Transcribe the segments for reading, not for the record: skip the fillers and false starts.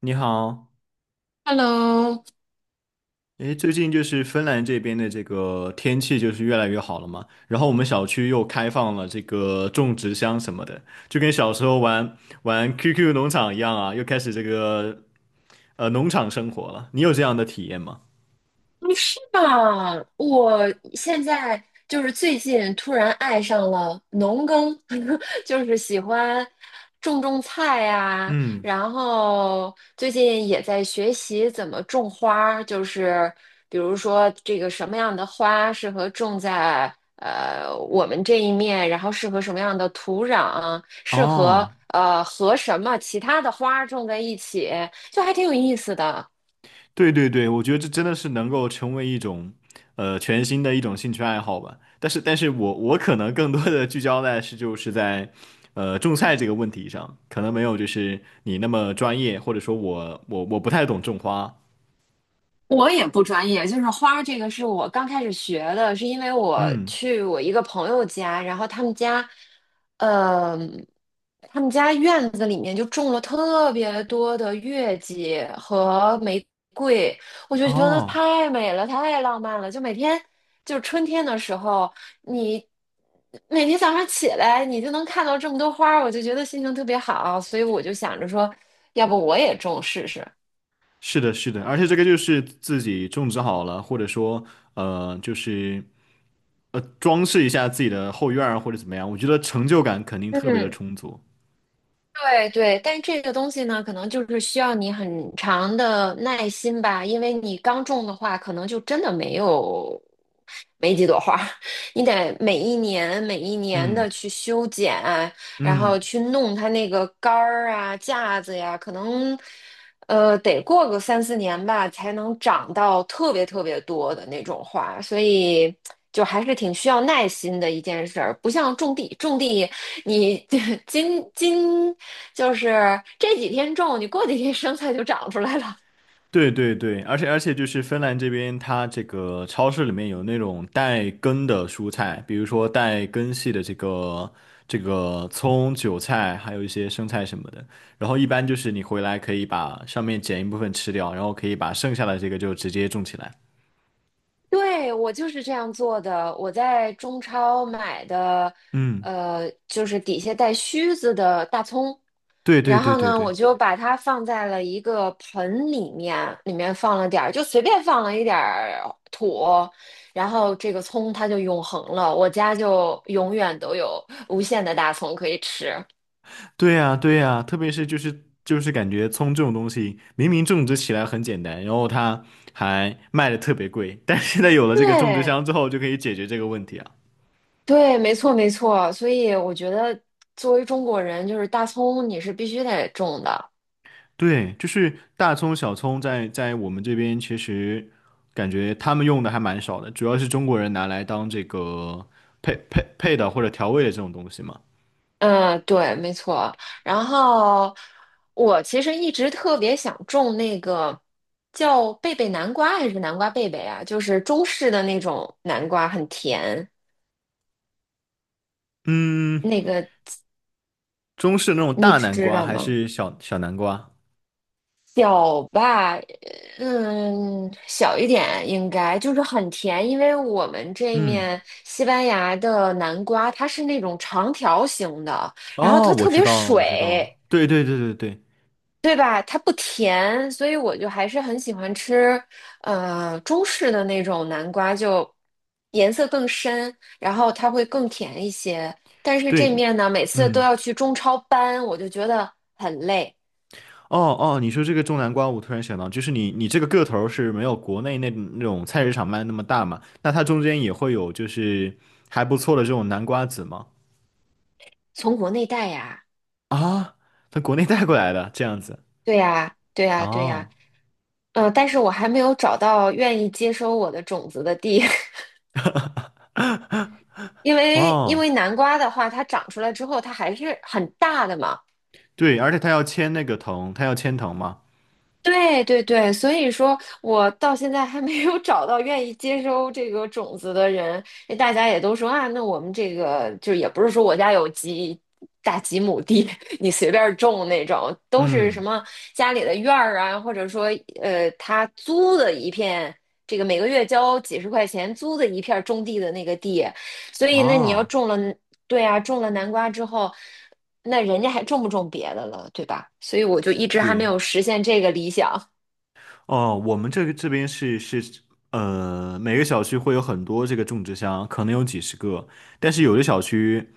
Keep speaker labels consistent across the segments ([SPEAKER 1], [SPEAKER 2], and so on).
[SPEAKER 1] 你好。
[SPEAKER 2] Hello。
[SPEAKER 1] 最近就是芬兰这边的这个天气就是越来越好了嘛，然后我们小区又开放了这个种植箱什么的，就跟小时候玩 QQ 农场一样啊，又开始这个农场生活了。你有这样的体验吗？
[SPEAKER 2] 嗯，是吧？我现在就是最近突然爱上了农耕，就是喜欢种种菜呀、
[SPEAKER 1] 嗯。
[SPEAKER 2] 然后最近也在学习怎么种花儿，就是比如说这个什么样的花适合种在我们这一面，然后适合什么样的土壤，适合
[SPEAKER 1] 哦，
[SPEAKER 2] 和什么其他的花儿种在一起，就还挺有意思的。
[SPEAKER 1] 对对对，我觉得这真的是能够成为一种，呃，全新的一种兴趣爱好吧。但是我可能更多的聚焦在是就是在，呃，种菜这个问题上，可能没有就是你那么专业，或者说我不太懂种花。
[SPEAKER 2] 我也不专业，就是花儿这个是我刚开始学的，是因为我
[SPEAKER 1] 嗯。
[SPEAKER 2] 去我一个朋友家，然后呃，他们家院子里面就种了特别多的月季和玫瑰，我就觉得
[SPEAKER 1] 哦，
[SPEAKER 2] 太美了，太浪漫了，就每天就是春天的时候，你每天早上起来你就能看到这么多花儿，我就觉得心情特别好，所以我就想着说，要不我也种试试。
[SPEAKER 1] 是的，是的，而且这个就是自己种植好了，或者说呃，就是装饰一下自己的后院儿或者怎么样，我觉得成就感肯定特别的
[SPEAKER 2] 嗯。
[SPEAKER 1] 充足。
[SPEAKER 2] 对对，但这个东西呢，可能就是需要你很长的耐心吧，因为你刚种的话，可能就真的没有。没几朵花儿，你得每一年每一年的
[SPEAKER 1] 嗯
[SPEAKER 2] 去修剪，然后
[SPEAKER 1] 嗯。
[SPEAKER 2] 去弄它那个杆儿啊、架子呀，可能得过个3、4年吧，才能长到特别特别多的那种花，所以就还是挺需要耐心的一件事儿，不像种地，种地你 今今就是这几天种，你过几天生菜就长出来了。
[SPEAKER 1] 对对对，而且就是芬兰这边，它这个超市里面有那种带根的蔬菜，比如说带根系的这个葱、韭菜，还有一些生菜什么的。然后一般就是你回来可以把上面剪一部分吃掉，然后可以把剩下的这个就直接种起来。
[SPEAKER 2] 对，我就是这样做的。我在中超买的，
[SPEAKER 1] 嗯，
[SPEAKER 2] 就是底下带须子的大葱，
[SPEAKER 1] 对对
[SPEAKER 2] 然
[SPEAKER 1] 对
[SPEAKER 2] 后
[SPEAKER 1] 对
[SPEAKER 2] 呢，我
[SPEAKER 1] 对。
[SPEAKER 2] 就把它放在了一个盆里面，里面放了点儿，就随便放了一点儿土，然后这个葱它就永恒了，我家就永远都有无限的大葱可以吃。
[SPEAKER 1] 对呀对呀，特别是就是感觉葱这种东西，明明种植起来很简单，然后它还卖的特别贵，但是现在有了这个种植
[SPEAKER 2] 对
[SPEAKER 1] 箱之后，就可以解决这个问题啊。
[SPEAKER 2] 对，没错没错。所以我觉得，作为中国人，就是大葱你是必须得种的。
[SPEAKER 1] 对，就是大葱、小葱在我们这边，其实感觉他们用的还蛮少的，主要是中国人拿来当这个配的或者调味的这种东西嘛。
[SPEAKER 2] 嗯，对，没错。然后我其实一直特别想种那个叫贝贝南瓜还是南瓜贝贝啊，就是中式的那种南瓜，很甜。
[SPEAKER 1] 嗯。
[SPEAKER 2] 那个
[SPEAKER 1] 中式那种
[SPEAKER 2] 你
[SPEAKER 1] 大南
[SPEAKER 2] 知
[SPEAKER 1] 瓜
[SPEAKER 2] 道
[SPEAKER 1] 还
[SPEAKER 2] 吗？
[SPEAKER 1] 是小小南瓜？
[SPEAKER 2] 小吧，嗯，小一点应该就是很甜，因为我们这
[SPEAKER 1] 嗯，
[SPEAKER 2] 面西班牙的南瓜它是那种长条形的，然后
[SPEAKER 1] 哦，
[SPEAKER 2] 它
[SPEAKER 1] 我
[SPEAKER 2] 特
[SPEAKER 1] 知
[SPEAKER 2] 别
[SPEAKER 1] 道了，我知道了。
[SPEAKER 2] 水。
[SPEAKER 1] 对对对对对
[SPEAKER 2] 对吧？它不甜，所以我就还是很喜欢吃，中式的那种南瓜，就颜色更深，然后它会更甜一些。但是这
[SPEAKER 1] 对。
[SPEAKER 2] 面呢，每次都
[SPEAKER 1] 嗯，
[SPEAKER 2] 要去中超搬，我就觉得很累。
[SPEAKER 1] 哦哦，你说这个种南瓜，我突然想到，就是你这个个头儿是没有国内那种菜市场卖的那么大嘛？那它中间也会有就是还不错的这种南瓜籽吗？
[SPEAKER 2] 从国内带呀，
[SPEAKER 1] 啊，从国内带过来的这样子。
[SPEAKER 2] 对呀，对呀，对呀，
[SPEAKER 1] 哦
[SPEAKER 2] 但是我还没有找到愿意接收我的种子的地，因为因
[SPEAKER 1] 哦。
[SPEAKER 2] 为南瓜的话，它长出来之后，它还是很大的嘛。
[SPEAKER 1] 对，而且他要签那个藤，他要签藤嘛。
[SPEAKER 2] 对对对，所以说我到现在还没有找到愿意接收这个种子的人，因为大家也都说啊，那我们这个就也不是说我家有几大几亩地，你随便种那种，都是什
[SPEAKER 1] 嗯，
[SPEAKER 2] 么家里的院儿啊，或者说他租的一片，这个每个月交几十块钱租的一片种地的那个地，所以那你要
[SPEAKER 1] 哦，
[SPEAKER 2] 种了，对啊，种了南瓜之后。那人家还种不种别的了，对吧？所以我就一直还没
[SPEAKER 1] 对。
[SPEAKER 2] 有实现这个理想。
[SPEAKER 1] 哦，我们这个这边是呃，每个小区会有很多这个种植箱，可能有几十个，但是有的小区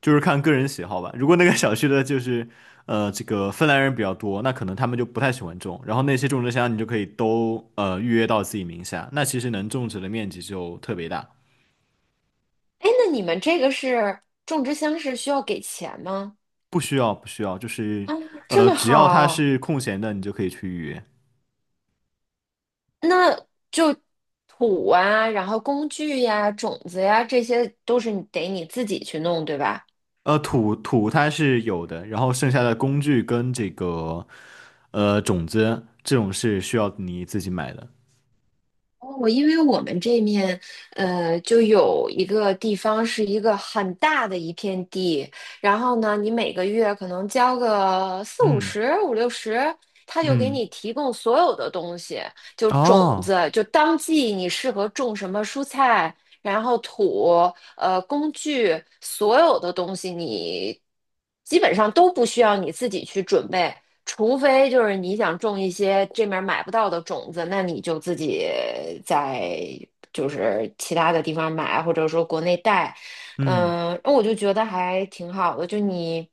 [SPEAKER 1] 就是看个人喜好吧。如果那个小区的就是这个芬兰人比较多，那可能他们就不太喜欢种，然后那些种植箱你就可以都预约到自己名下，那其实能种植的面积就特别大。
[SPEAKER 2] 哎，那你们这个是种植箱是需要给钱吗？
[SPEAKER 1] 不需要，不需要，就是，
[SPEAKER 2] 啊，这么
[SPEAKER 1] 只要它
[SPEAKER 2] 好，
[SPEAKER 1] 是空闲的，你就可以去预约。
[SPEAKER 2] 那就土啊，然后工具呀、种子呀，这些都是你得你自己去弄，对吧？
[SPEAKER 1] 土它是有的，然后剩下的工具跟这个种子这种是需要你自己买的。
[SPEAKER 2] 哦，因为我们这面，就有一个地方是一个很大的一片地，然后呢，你每个月可能交个四五
[SPEAKER 1] 嗯
[SPEAKER 2] 十、五六十，他就给你
[SPEAKER 1] 嗯，
[SPEAKER 2] 提供所有的东西，就种子，
[SPEAKER 1] 哦，
[SPEAKER 2] 就当季你适合种什么蔬菜，然后土、工具，所有的东西你基本上都不需要你自己去准备，除非就是你想种一些这面买不到的种子，那你就自己在就是其他的地方买，或者说国内带。
[SPEAKER 1] 嗯，
[SPEAKER 2] 嗯，我就觉得还挺好的，就你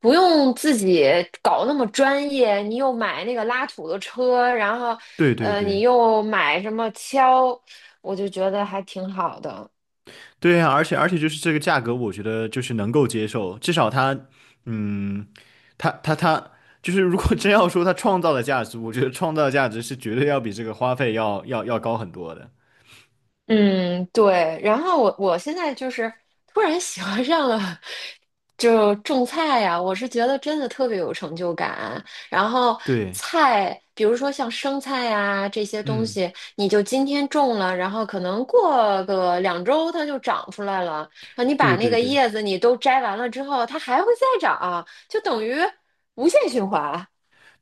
[SPEAKER 2] 不用自己搞那么专业，你又买那个拉土的车，然后
[SPEAKER 1] 对对
[SPEAKER 2] 你
[SPEAKER 1] 对。
[SPEAKER 2] 又买什么锹。我就觉得还挺好的。
[SPEAKER 1] 对呀，而且就是这个价格，我觉得就是能够接受，至少它嗯，它就是如果 真要说它创造的价值，我觉得创造的价值是绝对要比这个花费要高很多的。
[SPEAKER 2] 嗯，对。然后我现在就是突然喜欢上了，就种菜呀、我是觉得真的特别有成就感。然后
[SPEAKER 1] 对。
[SPEAKER 2] 菜，比如说像生菜呀、这些东
[SPEAKER 1] 嗯。
[SPEAKER 2] 西，你就今天种了，然后可能过个2周它就长出来了。然后你
[SPEAKER 1] 对
[SPEAKER 2] 把那
[SPEAKER 1] 对
[SPEAKER 2] 个
[SPEAKER 1] 对。
[SPEAKER 2] 叶子你都摘完了之后，它还会再长，就等于无限循环。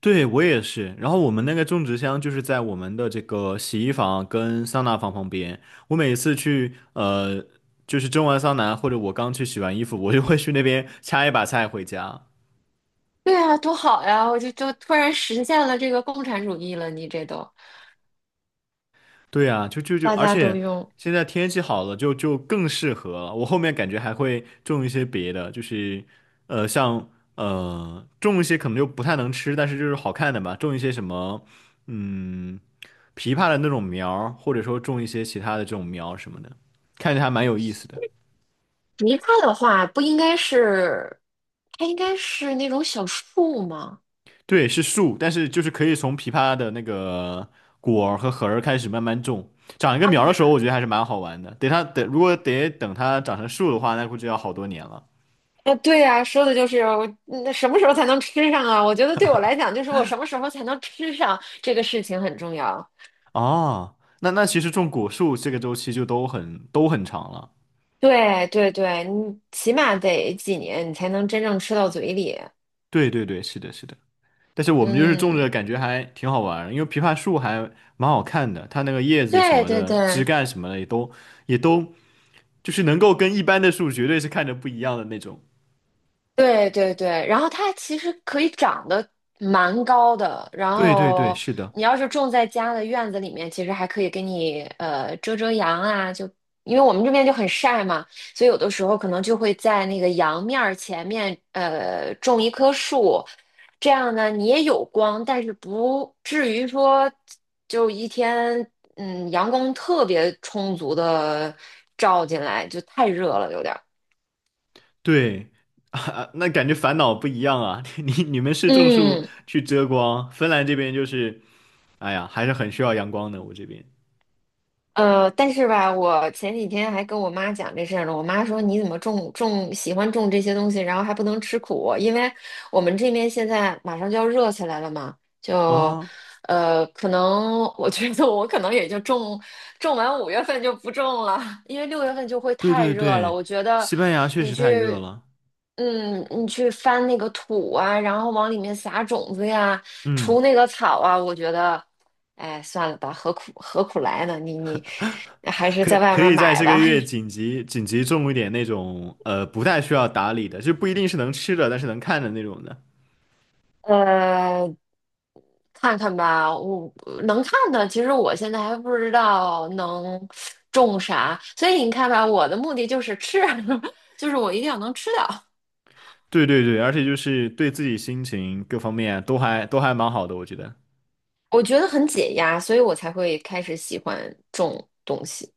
[SPEAKER 1] 对我也是。然后我们那个种植箱就是在我们的这个洗衣房跟桑拿房旁边。我每次去，就是蒸完桑拿或者我刚去洗完衣服，我就会去那边掐一把菜回家。
[SPEAKER 2] 对啊，多好呀！我就突然实现了这个共产主义了，你这都。
[SPEAKER 1] 对啊，就，
[SPEAKER 2] 大
[SPEAKER 1] 而
[SPEAKER 2] 家都
[SPEAKER 1] 且
[SPEAKER 2] 用。
[SPEAKER 1] 现在天气好了就，就更适合了。我后面感觉还会种一些别的，就是像，种一些可能就不太能吃，但是就是好看的吧，种一些什么嗯，枇杷的那种苗儿或者说种一些其他的这种苗什么的，看着还蛮有意思的。
[SPEAKER 2] 梨花的话，不应该是，它应该是那种小树吗？
[SPEAKER 1] 对，是树，但是就是可以从枇杷的那个果儿和核儿开始慢慢种，长一个苗儿的时候，我觉得还是蛮好玩的。等它等，如果得等它长成树的话，那估计要好多年了。
[SPEAKER 2] 啊，对呀，说的就是我那什么时候才能吃上啊？我觉得对我来讲，就是我什么时候才能吃上这个事情很重要。
[SPEAKER 1] 哦，那那其实种果树这个周期就都很长了。
[SPEAKER 2] 对对对，你起码得几年，你才能真正吃到嘴里。
[SPEAKER 1] 对对对，是的，是的。但是我们就是种
[SPEAKER 2] 嗯，
[SPEAKER 1] 着，感觉还挺好玩儿因为枇杷树还蛮好看的，它那个叶子什
[SPEAKER 2] 对
[SPEAKER 1] 么
[SPEAKER 2] 对
[SPEAKER 1] 的、枝
[SPEAKER 2] 对，
[SPEAKER 1] 干什么的也都就是能够跟一般的树绝对是看着不一样的那种。
[SPEAKER 2] 对对对，然后它其实可以长得蛮高的，然
[SPEAKER 1] 对对对，
[SPEAKER 2] 后
[SPEAKER 1] 是的，
[SPEAKER 2] 你要是种在家的院子里面，其实还可以给你遮遮阳啊，就因为我们这边就很晒嘛，所以有的时候可能就会在那个阳面儿前面种一棵树，这样呢你也有光，但是不至于说就一天阳光特别充足的照进来，就太热了有点儿，
[SPEAKER 1] 对 啊，那感觉烦恼不一样啊。你们是种树
[SPEAKER 2] 嗯
[SPEAKER 1] 去遮光，芬兰这边就是，哎呀，还是很需要阳光的。我这边
[SPEAKER 2] 但是吧，我前几天还跟我妈讲这事儿呢。我妈说："你怎么种喜欢种这些东西，然后还不能吃苦？因为我们这边现在马上就要热起来了嘛，
[SPEAKER 1] 啊。
[SPEAKER 2] 就
[SPEAKER 1] 哦。
[SPEAKER 2] 可能我觉得我可能也就种完5月份就不种了，因为6月份就会
[SPEAKER 1] 对
[SPEAKER 2] 太
[SPEAKER 1] 对
[SPEAKER 2] 热了。
[SPEAKER 1] 对，
[SPEAKER 2] 我觉得
[SPEAKER 1] 西班牙确
[SPEAKER 2] 你
[SPEAKER 1] 实太热
[SPEAKER 2] 去
[SPEAKER 1] 了。
[SPEAKER 2] 你去翻那个土啊，然后往里面撒种子呀，除
[SPEAKER 1] 嗯，
[SPEAKER 2] 那个草啊，我觉得，哎，算了吧，何苦何苦来呢？你还是
[SPEAKER 1] 可
[SPEAKER 2] 在外
[SPEAKER 1] 可
[SPEAKER 2] 面
[SPEAKER 1] 以在
[SPEAKER 2] 买
[SPEAKER 1] 这个
[SPEAKER 2] 吧。
[SPEAKER 1] 月紧 急紧急种一点那种不太需要打理的，就不一定是能吃的，但是能看的那种的。
[SPEAKER 2] 呃，看看吧，我能看的，其实我现在还不知道能种啥，所以你看吧，我的目的就是吃，就是我一定要能吃到，
[SPEAKER 1] 对对对，而且就是对自己心情各方面都还蛮好的，我觉得。
[SPEAKER 2] 我觉得很解压，所以我才会开始喜欢种东西，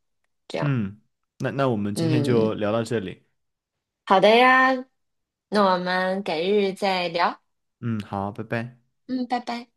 [SPEAKER 2] 这样，
[SPEAKER 1] 嗯，那我们今天就
[SPEAKER 2] 嗯。
[SPEAKER 1] 聊到这里。
[SPEAKER 2] 好的呀，那我们改日再聊。
[SPEAKER 1] 嗯，好，拜拜。
[SPEAKER 2] 嗯，拜拜。